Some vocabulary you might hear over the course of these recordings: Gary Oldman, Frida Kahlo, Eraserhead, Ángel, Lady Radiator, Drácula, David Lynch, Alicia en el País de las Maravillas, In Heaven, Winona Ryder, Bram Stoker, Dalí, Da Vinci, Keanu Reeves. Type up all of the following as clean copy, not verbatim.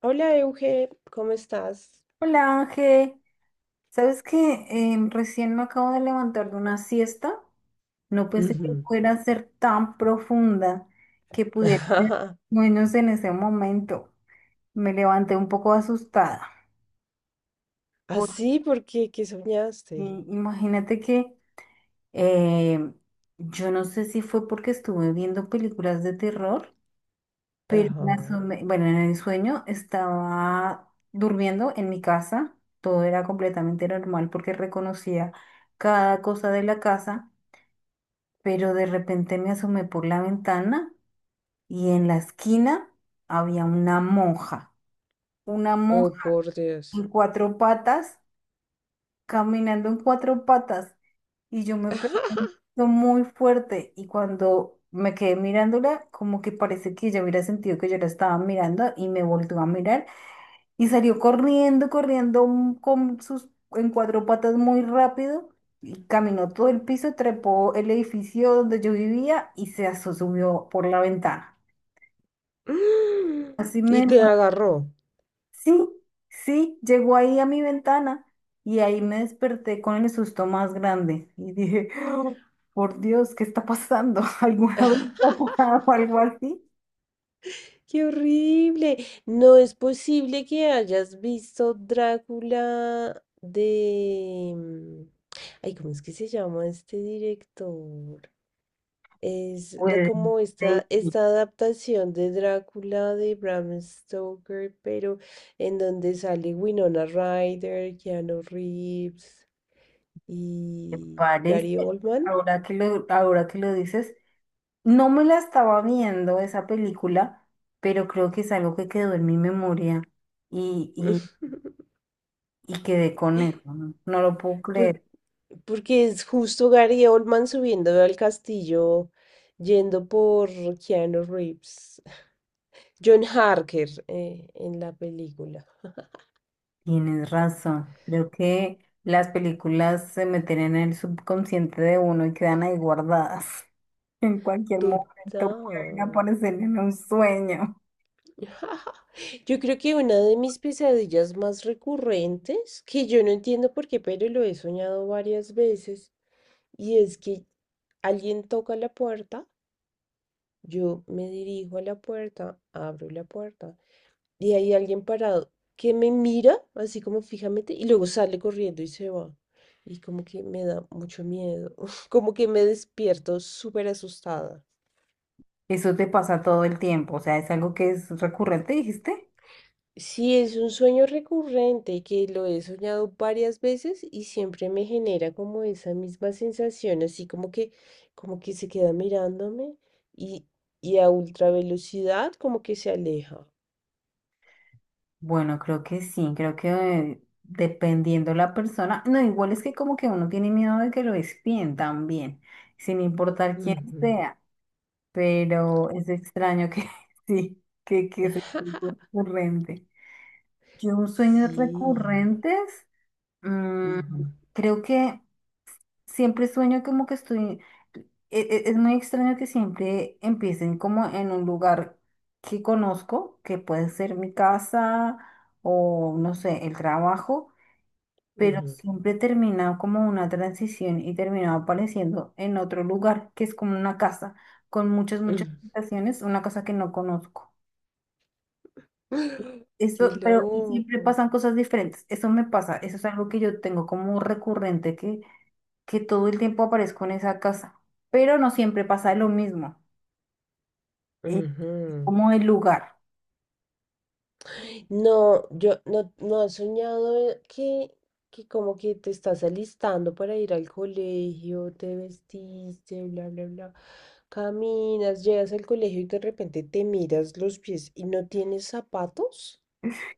Hola Euge, ¿cómo estás? Hola Ángel, ¿sabes que recién me acabo de levantar de una siesta? No pensé que Ujú. fuera a ser tan profunda que pudiera ser menos en ese momento. Me levanté un poco asustada porque Así porque ¿qué soñaste? imagínate que em, yo no sé si fue porque estuve viendo películas de terror. Pero Ajá. Bueno, en el sueño estaba durmiendo en mi casa, todo era completamente normal porque reconocía cada cosa de la casa, pero de repente me asomé por la ventana y en la esquina había una Oh, monja por Dios. en cuatro patas, caminando en cuatro patas y yo me pregunto muy fuerte y cuando me quedé mirándola, como que parece que ella hubiera sentido que yo la estaba mirando y me volvió a mirar. Y salió corriendo, corriendo con sus en cuatro patas muy rápido y caminó todo el piso, trepó el edificio donde yo vivía y subió por la ventana. Así Y me... te agarró. Sí, sí, llegó ahí a mi ventana y ahí me desperté con el susto más grande y dije, "Oh, por Dios, ¿qué está pasando? ¿Alguna vez ha pasado algo así?" ¡Qué horrible! No es posible que hayas visto Drácula de... ay, ¿cómo es que se llama este director? Es la, Pues, como sí, esta, esta adaptación de Drácula de Bram Stoker, pero en donde sale Winona Ryder, Keanu Reeves me y parece, Gary Oldman. ahora ahora que lo dices. No me la estaba viendo esa película, pero creo que es algo que quedó en mi memoria y, y, y quedé con eso. No lo puedo Por- creer. Porque es justo Gary Oldman subiendo al castillo, yendo por Keanu Reeves. John Harker en la película. Tienes razón. Creo que las películas se meten en el subconsciente de uno y quedan ahí guardadas. En cualquier Total. momento pueden aparecer en un sueño. Yo creo que una de mis pesadillas más recurrentes, que yo no entiendo por qué, pero lo he soñado varias veces, y es que alguien toca la puerta, yo me dirijo a la puerta, abro la puerta, y hay alguien parado que me mira así como fijamente y luego sale corriendo y se va. Y como que me da mucho miedo, como que me despierto súper asustada. Eso te pasa todo el tiempo. O sea, es algo que es recurrente, dijiste. Sí, es un sueño recurrente que lo he soñado varias veces y siempre me genera como esa misma sensación, así como que se queda mirándome y, y a ultra velocidad como que se aleja. Bueno, creo que sí, creo que dependiendo la persona, no, igual es que como que uno tiene miedo de que lo espíen también, sin importar quién Ujú. sea, pero es extraño que sí, que sea tan recurrente. Yo un sueño Sí. recurrentes, mm, Ujú, creo que siempre sueño como que estoy, es muy extraño que siempre empiecen como en un lugar que conozco, que puede ser mi casa o no sé, el trabajo, pero ujú, siempre termina como una transición y termina apareciendo en otro lugar, que es como una casa, con muchas, ujú. muchas habitaciones, una casa que no conozco. Eso, Qué pero y siempre loco. pasan cosas diferentes. Eso me pasa, eso es algo que yo tengo como recurrente que todo el tiempo aparezco en esa casa, pero no siempre pasa lo mismo, eh, Ujú. como el lugar, No, yo no has soñado que como que te estás alistando para ir al colegio, te vestiste, bla, bla, bla. Caminas, llegas al colegio y de repente te miras los pies y no tienes zapatos.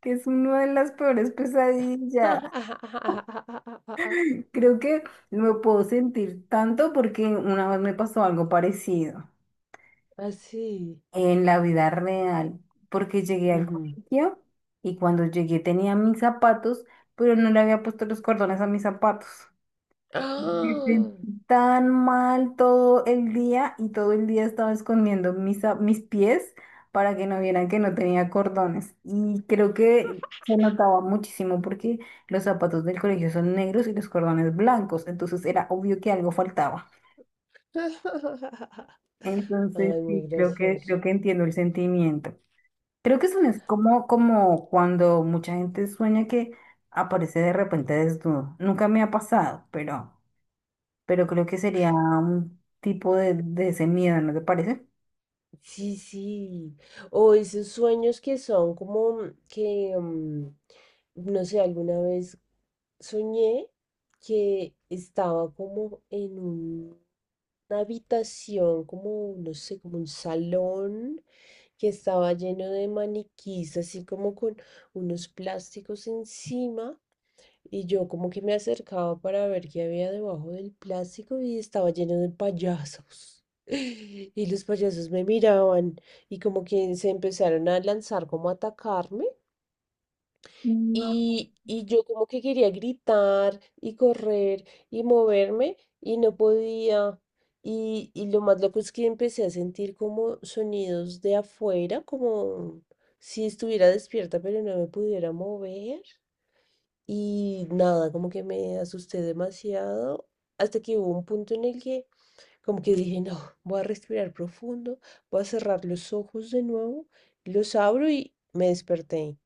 que es una de las peores pesadillas. Creo que me puedo sentir tanto porque una vez me pasó algo parecido Así. en la vida real, porque llegué al Ujú. colegio y cuando llegué tenía mis zapatos, pero no le había puesto los cordones a mis zapatos. Me ¡Ah! sentí tan mal todo el día y todo el día estaba escondiendo mis pies para que no vieran que no tenía cordones. Y creo que se notaba muchísimo porque los zapatos del colegio son negros y los cordones blancos, entonces era obvio que algo faltaba. Entonces Ay, muy sí, gracioso. creo que entiendo el sentimiento. Creo que eso no es como, como cuando mucha gente sueña que aparece de repente desnudo. Nunca me ha pasado, pero creo que sería un tipo de ese miedo, ¿no te parece? Sí, sí. O esos sueños que son como que, no sé, alguna vez soñé que estaba como en una habitación, como, no sé, como un salón que estaba lleno de maniquís, así como con unos plásticos encima. Y yo como que me acercaba para ver qué había debajo del plástico y estaba lleno de payasos. Y los payasos me miraban y como que se empezaron a lanzar como a atacarme. No. Y yo como que quería gritar y correr y moverme y no podía. Y lo más loco es que empecé a sentir como sonidos de afuera, como si estuviera despierta pero no me pudiera mover. Y nada, como que me asusté demasiado hasta que hubo un punto en el que como que dije, no, voy a respirar profundo, voy a cerrar los ojos de nuevo, los abro y me desperté.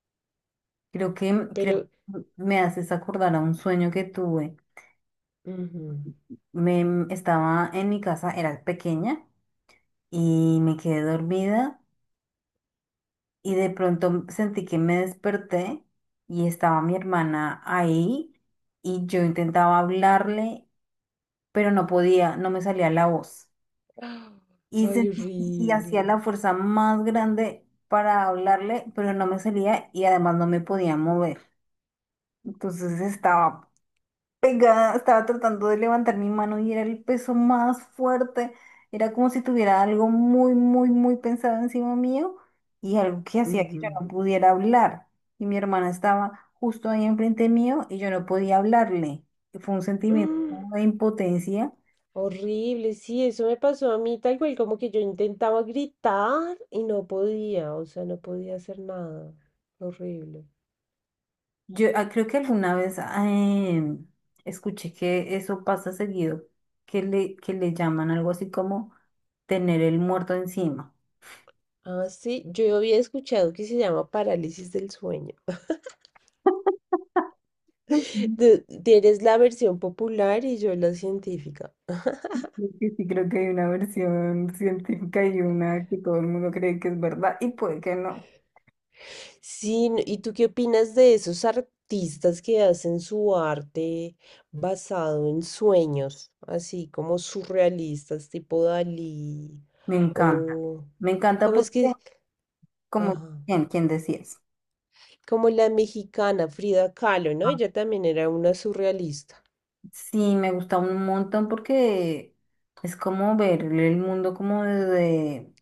Creo Pero, que me haces acordar a un sueño que tuve. ujú, Estaba en mi casa, era pequeña, y me quedé dormida y de pronto sentí que me desperté y estaba mi hermana ahí y yo intentaba hablarle, pero no podía, no me salía la voz. ah, Y, ay, se- y horrible. hacía la fuerza más grande para hablarle, pero no me salía y además no me podía mover. Entonces estaba pegada, estaba tratando de levantar mi mano y era el peso más fuerte. Era como si tuviera algo muy, muy, muy pensado encima mío y algo que hacía que yo Ujú, no pudiera hablar. Y mi hermana estaba justo ahí enfrente mío y yo no podía hablarle. Fue un sentimiento ah. como de impotencia. Horrible, sí, eso me pasó a mí tal cual, como que yo intentaba gritar y no podía, o sea, no podía hacer nada. Horrible. Yo creo que alguna vez escuché que eso pasa seguido, que le llaman algo así como tener el muerto encima. Ah, sí, yo había escuchado que se llama parálisis del sueño. Ujú. Eres la versión popular y yo la científica. Creo que Sí, creo que hay una versión científica y una que todo el mundo cree que es verdad y puede que no. Sí, ¿y tú qué opinas de esos artistas que hacen su arte basado en sueños, así como surrealistas, tipo Dalí Me encanta. o Me encanta ¿cómo es porque, que? como, Ajá, ¿quién, quién decías? como la mexicana Frida Kahlo, ¿no? Ella también era una surrealista. Sí, me gusta un montón porque es como ver el mundo como desde,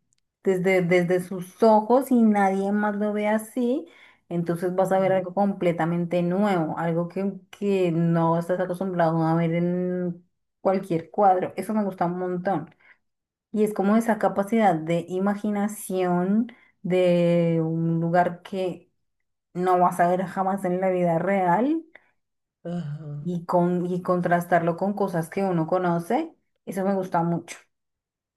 desde sus ojos y nadie más lo ve así. Entonces vas a ver Mm. algo completamente nuevo, algo que no estás acostumbrado a ver en cualquier cuadro. Eso me gusta un montón. Y es como esa capacidad de imaginación de un lugar que no vas a ver jamás en la vida real Ajá, y contrastarlo con cosas que uno conoce, eso me gusta mucho.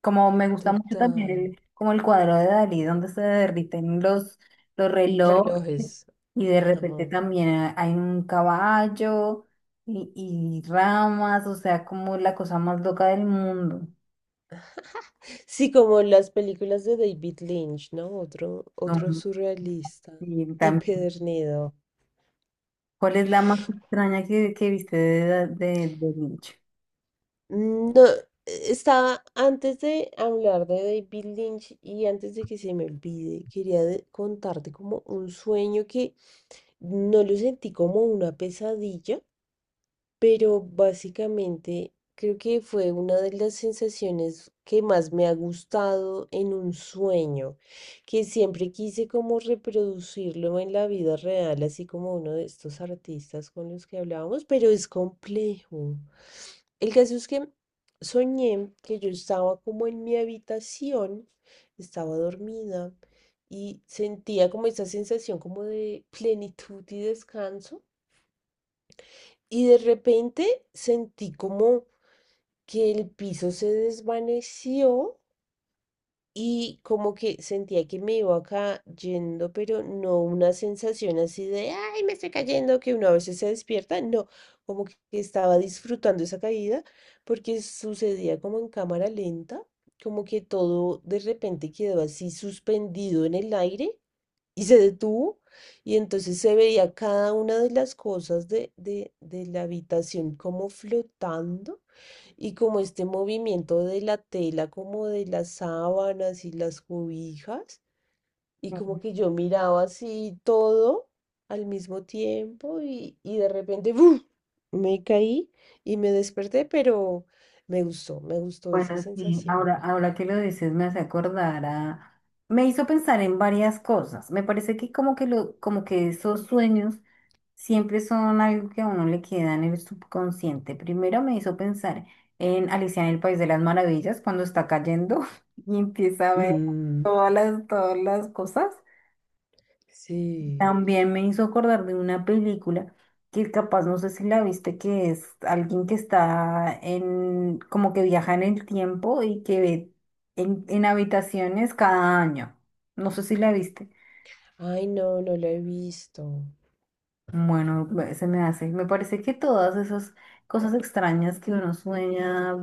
Como me gusta mucho también total. el, como el cuadro de Dalí, donde se derriten los relojes Relojes. y de repente Ajá. también hay un caballo y, y ramas, o sea, como la cosa más loca del mundo. Sí, como en las películas de David Lynch, ¿no? Otro, No, otro surrealista. y tam- Empedernido. ¿cuál es la más extraña que viste de, de Vinci? No, estaba antes de hablar de David Lynch y antes de que se me olvide, quería contarte como un sueño que no lo sentí como una pesadilla, pero básicamente creo que fue una de las sensaciones que más me ha gustado en un sueño, que siempre quise como reproducirlo en la vida real, así como uno de estos artistas con los que hablábamos, pero es complejo. El caso es que soñé que yo estaba como en mi habitación, estaba dormida y sentía como esa sensación como de plenitud y descanso. Y de repente sentí como que el piso se desvaneció y como que sentía que me iba cayendo, pero no una sensación así de, ay, me estoy cayendo, que uno a veces se despierta, no, como que estaba disfrutando esa caída porque sucedía como en cámara lenta, como que todo de repente quedó así suspendido en el aire y se detuvo y entonces se veía cada una de las cosas de la habitación como flotando y como este movimiento de la tela, como de las sábanas y las cobijas y como que yo miraba así todo al mismo tiempo y de repente ¡buf! Me caí y me desperté, pero me gustó esa Bueno, sí, sensación. ahora, ahora que lo dices me hace acordar a... Me hizo pensar en varias cosas. Me parece que como que, como que esos sueños siempre son algo que a uno le queda en el subconsciente. Primero me hizo pensar en Alicia en el País de las Maravillas, cuando está cayendo y empieza a ver Mm, todas todas las cosas. sí. También me hizo acordar de una película que capaz no sé si la viste, que es alguien que está en, como que viaja en el tiempo y que ve en habitaciones cada año. No sé si la viste. Ay, no, no la he visto. Bueno, se me hace. Me parece que todas esas cosas extrañas que uno sueña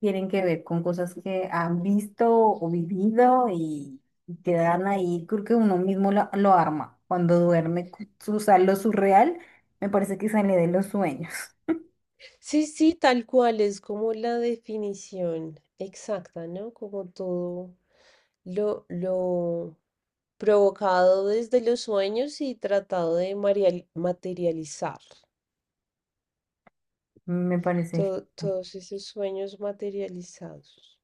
tienen que ver con cosas que han visto o vivido y quedan ahí. Creo que uno mismo lo arma. Cuando duerme, lo surreal, me parece que sale de los sueños. Sí, sí, tal cual, es como la definición exacta, ¿no? Como todo lo provocado desde los sueños y tratado de materializar. Me parece To- todos esos sueños materializados.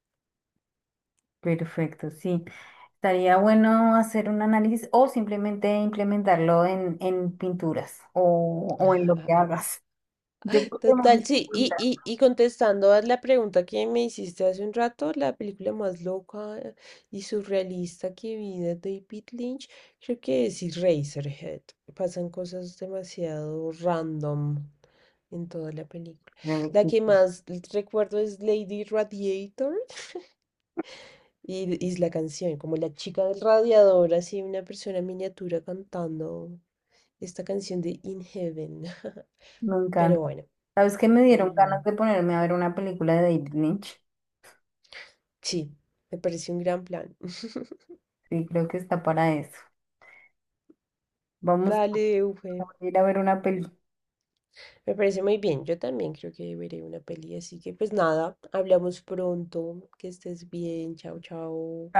perfecto, sí. Estaría bueno hacer un análisis o simplemente implementarlo en pinturas o en lo que hagas. Yo creo que me Total, sí. Y contestando a la pregunta que me hiciste hace un rato, la película más loca y surrealista que vi de David Lynch, creo que es Eraserhead. Pasan cosas demasiado random en toda la película. La que gusta. más recuerdo es Lady Radiator y es la canción, como la chica del radiador, así una persona en miniatura cantando esta canción de In Heaven. Me Pero encanta. bueno. ¿Sabes qué? Me dieron Ujú. ganas de ponerme a ver una película de David Lynch. Sí, me parece un gran plan. Sí, creo que está para eso. Vamos Dale, Ufe. a ir a ver una película. Me parece muy bien. Yo también creo que veré una peli, así que pues nada, hablamos pronto. Que estés bien. Chao, chao.